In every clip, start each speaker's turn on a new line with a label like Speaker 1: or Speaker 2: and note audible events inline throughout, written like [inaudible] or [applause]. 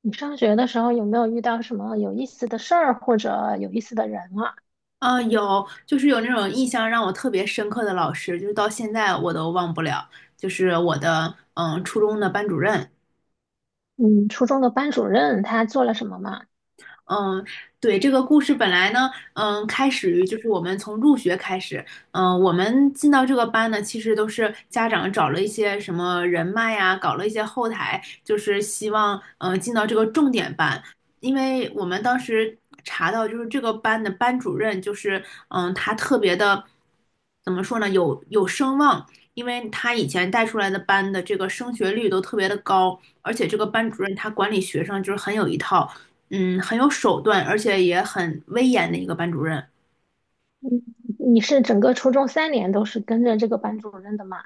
Speaker 1: 你上学的时候有没有遇到什么有意思的事儿或者有意思的人啊？
Speaker 2: 啊，有，就是有那种印象让我特别深刻的老师，就是到现在我都忘不了，就是我的初中的班主任。
Speaker 1: 嗯，初中的班主任他做了什么吗？
Speaker 2: 嗯，对，这个故事本来呢，开始于就是我们从入学开始。我们进到这个班呢，其实都是家长找了一些什么人脉呀，搞了一些后台，就是希望进到这个重点班，因为我们当时查到就是这个班的班主任就是他特别的，怎么说呢，有声望。因为他以前带出来的班的这个升学率都特别的高，而且这个班主任他管理学生就是很有一套，很有手段，而且也很威严的一个班主任。
Speaker 1: 嗯，你是整个初中三年都是跟着这个班主任的吗？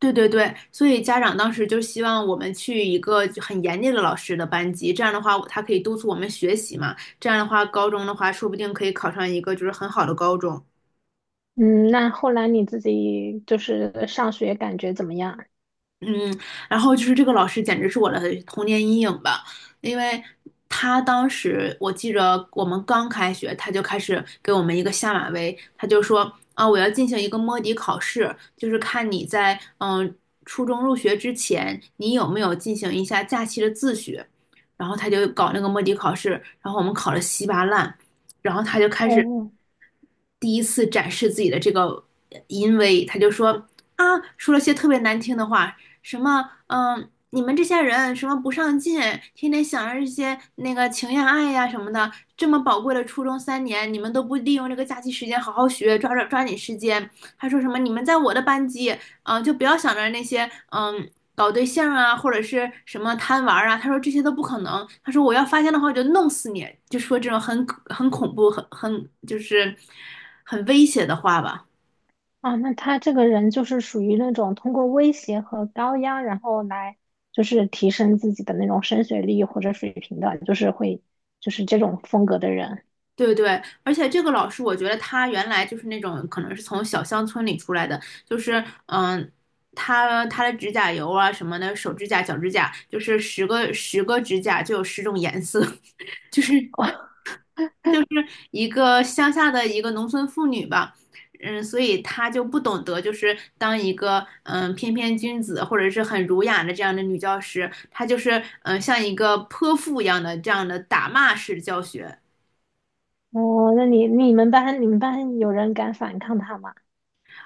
Speaker 2: 对对对，所以家长当时就希望我们去一个就很严厉的老师的班级，这样的话他可以督促我们学习嘛，这样的话高中的话说不定可以考上一个就是很好的高中。
Speaker 1: 嗯，那后来你自己就是上学感觉怎么样？
Speaker 2: 嗯，然后就是这个老师简直是我的童年阴影吧。因为他当时我记着我们刚开学，他就开始给我们一个下马威，他就说啊，我要进行一个摸底考试，就是看你在初中入学之前，你有没有进行一下假期的自学，然后他就搞那个摸底考试，然后我们考得稀巴烂，然后他就开始
Speaker 1: 哦。
Speaker 2: 第一次展示自己的这个淫威。他就说啊，说了些特别难听的话，什么你们这些人什么不上进，天天想着这些那个情呀爱呀什么的，这么宝贵的初中3年，你们都不利用这个假期时间好好学，抓着抓紧时间。还说什么你们在我的班级，就不要想着那些搞对象啊，或者是什么贪玩啊，他说这些都不可能。他说我要发现的话，我就弄死你，就说这种很恐怖、很就是很威胁的话吧。
Speaker 1: 啊，那他这个人就是属于那种通过威胁和高压，然后来就是提升自己的那种升学率或者水平的，就是会就是这种风格的人。
Speaker 2: 对对，而且这个老师，我觉得他原来就是那种可能是从小乡村里出来的，就是他的指甲油啊什么的，手指甲、脚指甲，就是十个十个指甲就有10种颜色，[laughs] 就是
Speaker 1: [laughs]
Speaker 2: 就是一个乡下的一个农村妇女吧。嗯，所以她就不懂得，就是当一个翩翩君子或者是很儒雅的这样的女教师，她就是像一个泼妇一样的这样的打骂式教学。
Speaker 1: 哦，那你们班有人敢反抗他吗？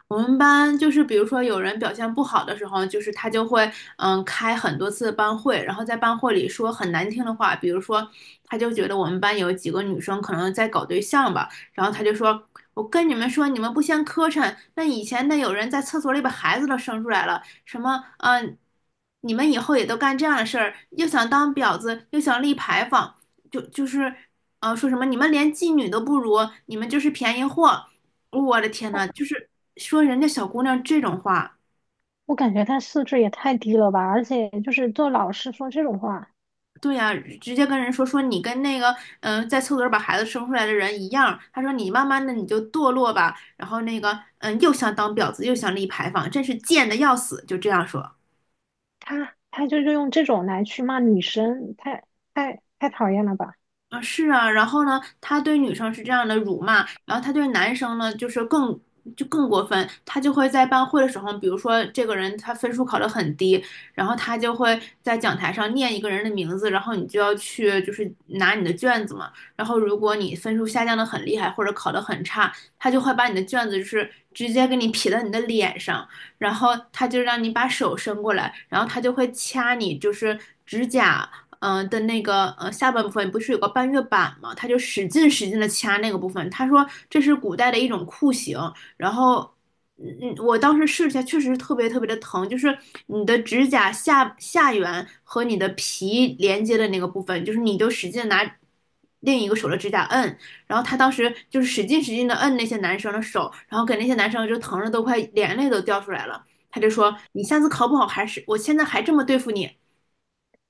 Speaker 2: 我们班就是比如说有人表现不好的时候，就是他就会开很多次班会，然后在班会里说很难听的话。比如说他就觉得我们班有几个女生可能在搞对象吧，然后他就说，我跟你们说，你们不嫌磕碜，那以前那有人在厕所里把孩子都生出来了，什么你们以后也都干这样的事儿，又想当婊子，又想立牌坊，就就是，说什么你们连妓女都不如，你们就是便宜货，我的天呐，
Speaker 1: 我
Speaker 2: 就是说人家小姑娘这种话。
Speaker 1: 我感觉他素质也太低了吧，而且就是做老师说这种话，
Speaker 2: 对呀、直接跟人说说你跟那个在厕所里把孩子生出来的人一样，他说你慢慢的你就堕落吧，然后那个又想当婊子又想立牌坊，真是贱的要死，就这样说。
Speaker 1: 他就用这种来去骂女生，太讨厌了吧！
Speaker 2: 啊，是啊，然后呢，他对女生是这样的辱骂，然后他对男生呢，就是就更过分。他就会在班会的时候，比如说这个人他分数考得很低，然后他就会在讲台上念一个人的名字，然后你就要去就是拿你的卷子嘛，然后如果你分数下降的很厉害或者考得很差，他就会把你的卷子就是直接给你撇到你的脸上，然后他就让你把手伸过来，然后他就会掐你就是指甲。的那个下半部分不是有个半月板吗？他就使劲使劲的掐那个部分。他说这是古代的一种酷刑，然后我当时试一下，确实是特别特别的疼，就是你的指甲下下缘和你的皮连接的那个部分，就是你就使劲拿另一个手的指甲摁，然后他当时就是使劲使劲的摁那些男生的手，然后给那些男生就疼的都快眼泪都掉出来了。他就说："你下次考不好还是我现在还这么对付你。"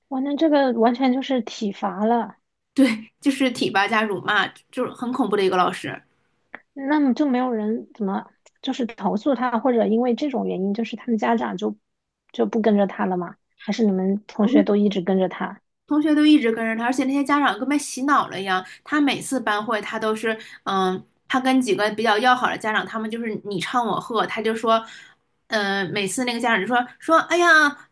Speaker 1: 哇，那这个完全就是体罚了。
Speaker 2: 对，就是体罚加辱骂，就是很恐怖的一个老师。
Speaker 1: 那么就没有人怎么就是投诉他，或者因为这种原因，就是他们家长就不跟着他了吗？还是你们同
Speaker 2: 我
Speaker 1: 学都
Speaker 2: 就
Speaker 1: 一直跟着他？
Speaker 2: 同学都一直跟着他，而且那些家长跟被洗脑了一样。他每次班会，他都是，嗯，他跟几个比较要好的家长，他们就是你唱我和，他就说，每次那个家长就说说，哎呀，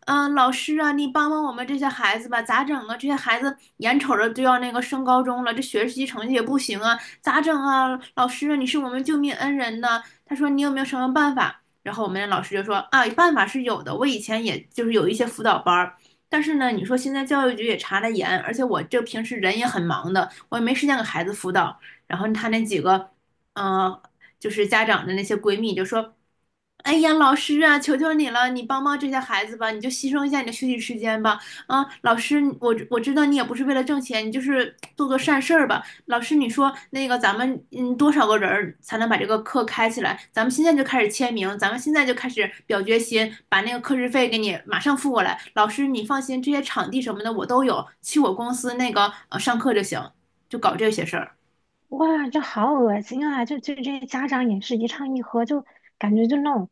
Speaker 2: 老师啊，你帮帮我们这些孩子吧，咋整啊？这些孩子眼瞅着就要那个升高中了，这学习成绩也不行啊，咋整啊？老师啊，你是我们救命恩人呐。他说你有没有什么办法？然后我们的老师就说啊，办法是有的，我以前也就是有一些辅导班儿。但是呢，你说现在教育局也查得严，而且我这平时人也很忙的，我也没时间给孩子辅导。然后他那几个，嗯，就是家长的那些闺蜜就说，哎呀，老师啊，求求你了，你帮帮这些孩子吧，你就牺牲一下你的休息时间吧。啊，老师，我知道你也不是为了挣钱，你就是做做善事儿吧。老师，你说那个咱们多少个人儿才能把这个课开起来？咱们现在就开始签名，咱们现在就开始表决心，把那个课时费给你马上付过来。老师，你放心，这些场地什么的我都有，去我公司那个上课就行，就搞这些事儿。
Speaker 1: 哇，这好恶心啊！就这些家长也是一唱一和，就感觉就那种，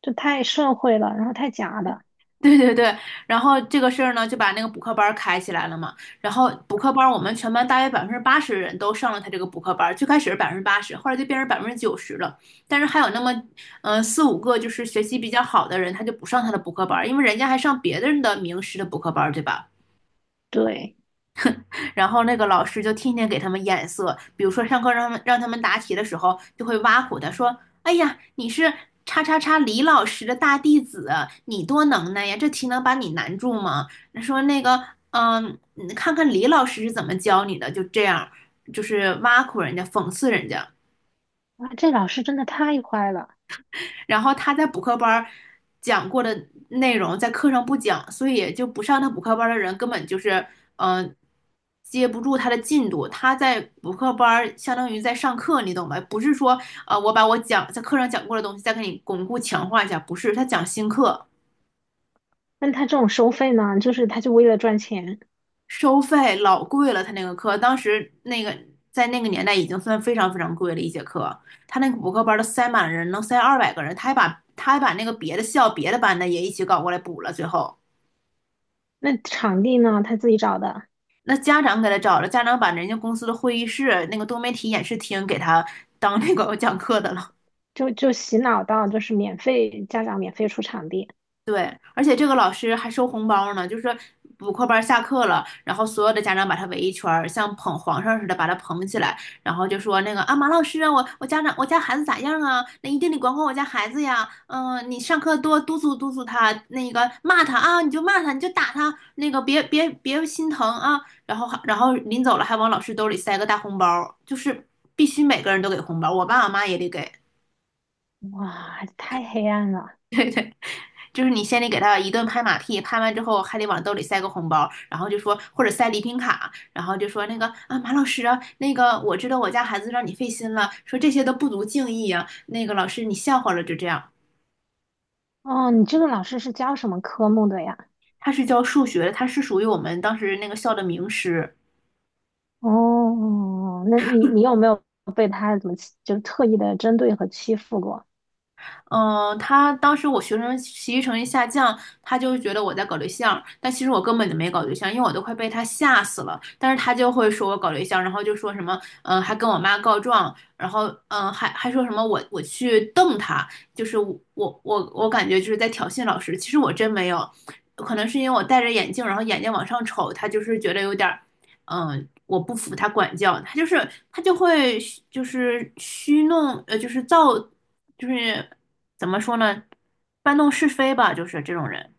Speaker 1: 就太社会了，然后太假了。
Speaker 2: 对对对，然后这个事儿呢，就把那个补课班儿开起来了嘛。然后补课班儿，我们全班大约百分之八十人都上了他这个补课班儿。最开始是百分之八十，后来就变成90%了。但是还有那么，4、5个就是学习比较好的人，他就不上他的补课班儿，因为人家还上别人的名师的补课班儿，对吧？
Speaker 1: 对。
Speaker 2: 然后那个老师就天天给他们眼色，比如说上课让他们答题的时候，就会挖苦他说："哎呀，你是叉叉叉李老师的大弟子，你多能耐呀，这题能把你难住吗？"说那个，你看看李老师是怎么教你的，就这样，就是挖苦人家，讽刺人家。
Speaker 1: 啊，这老师真的太坏了。
Speaker 2: 然后他在补课班儿讲过的内容在课上不讲，所以就不上他补课班儿的人根本就是嗯、呃接不住他的进度。他在补课班儿相当于在上课，你懂吧？不是说我把我讲在课上讲过的东西再给你巩固强化一下，不是，他讲新课，
Speaker 1: 那他这种收费呢，就是他就为了赚钱。
Speaker 2: 收费老贵了。他那个课当时那个在那个年代已经算非常非常贵了一节课。他那个补课班儿都塞满人，能塞200个人，他还把那个别的校别的班的也一起搞过来补了，最后。
Speaker 1: 那场地呢，他自己找的。
Speaker 2: 那家长给他找了，家长把人家公司的会议室那个多媒体演示厅给他当那个讲课的了。
Speaker 1: 就洗脑到就是免费，家长免费出场地。
Speaker 2: 对，而且这个老师还收红包呢，就是补课班下课了，然后所有的家长把他围一圈儿像捧皇上似的把他捧起来，然后就说那个啊，马老师啊，我家孩子咋样啊？那一定得管管我家孩子呀，你上课多督促督促他，那个骂他啊，你就骂他，你就打他，那个别心疼啊。然后临走了还往老师兜里塞个大红包，就是必须每个人都给红包，我爸我妈也得给。
Speaker 1: 哇，太黑暗了。
Speaker 2: 就是你先得给他一顿拍马屁，拍完之后还得往兜里塞个红包，然后就说或者塞礼品卡，然后就说那个啊马老师啊，那个我知道我家孩子让你费心了，说这些都不足敬意啊，那个老师你笑话了就这样。
Speaker 1: 哦，你这个老师是教什么科目的呀？
Speaker 2: 他是教数学，他是属于我们当时那个校的名师。
Speaker 1: 哦，那你有没有被他怎么欺就特意的针对和欺负过？
Speaker 2: 他当时我学生学习成绩下降，他就觉得我在搞对象，但其实我根本就没搞对象，因为我都快被他吓死了。但是他就会说我搞对象，然后就说什么，还跟我妈告状，然后还说什么我去瞪他，就是我感觉就是在挑衅老师，其实我真没有，可能是因为我戴着眼镜，然后眼睛往上瞅，他就是觉得有点儿我不服他管教，他就会虚弄，就是造，就是怎么说呢，搬弄是非吧，就是这种人。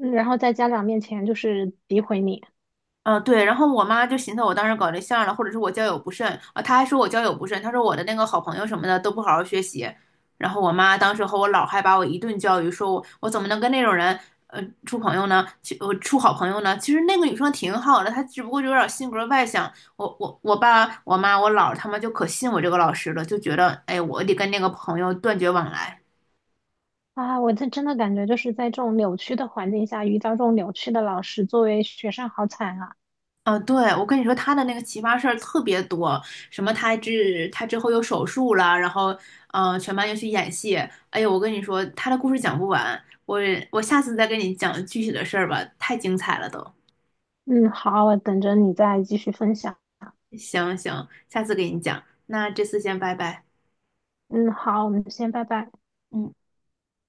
Speaker 1: 嗯，然后在家长面前就是诋毁你。
Speaker 2: 嗯，对，然后我妈就寻思我当时搞对象了，或者是我交友不慎啊，她还说我交友不慎，她说我的那个好朋友什么的都不好好学习，然后我妈当时和我姥还把我一顿教育，说我怎么能跟那种人处朋友呢？去处好朋友呢？其实那个女生挺好的，她只不过就有点性格外向。我爸、我妈、我姥他们就可信我这个老师了，就觉得哎，我得跟那个朋友断绝往来。
Speaker 1: 啊！我这真的感觉就是在这种扭曲的环境下遇到这种扭曲的老师，作为学生好惨啊！
Speaker 2: 啊，对，我跟你说，他的那个奇葩事儿特别多，什么他之后又手术了，然后，全班又去演戏。哎呀，我跟你说，他的故事讲不完，我下次再跟你讲具体的事儿吧，太精彩了都。
Speaker 1: 嗯，好，我等着你再继续分享。
Speaker 2: 行行，下次给你讲，那这次先拜拜。
Speaker 1: 嗯，好，我们先拜拜。
Speaker 2: 嗯。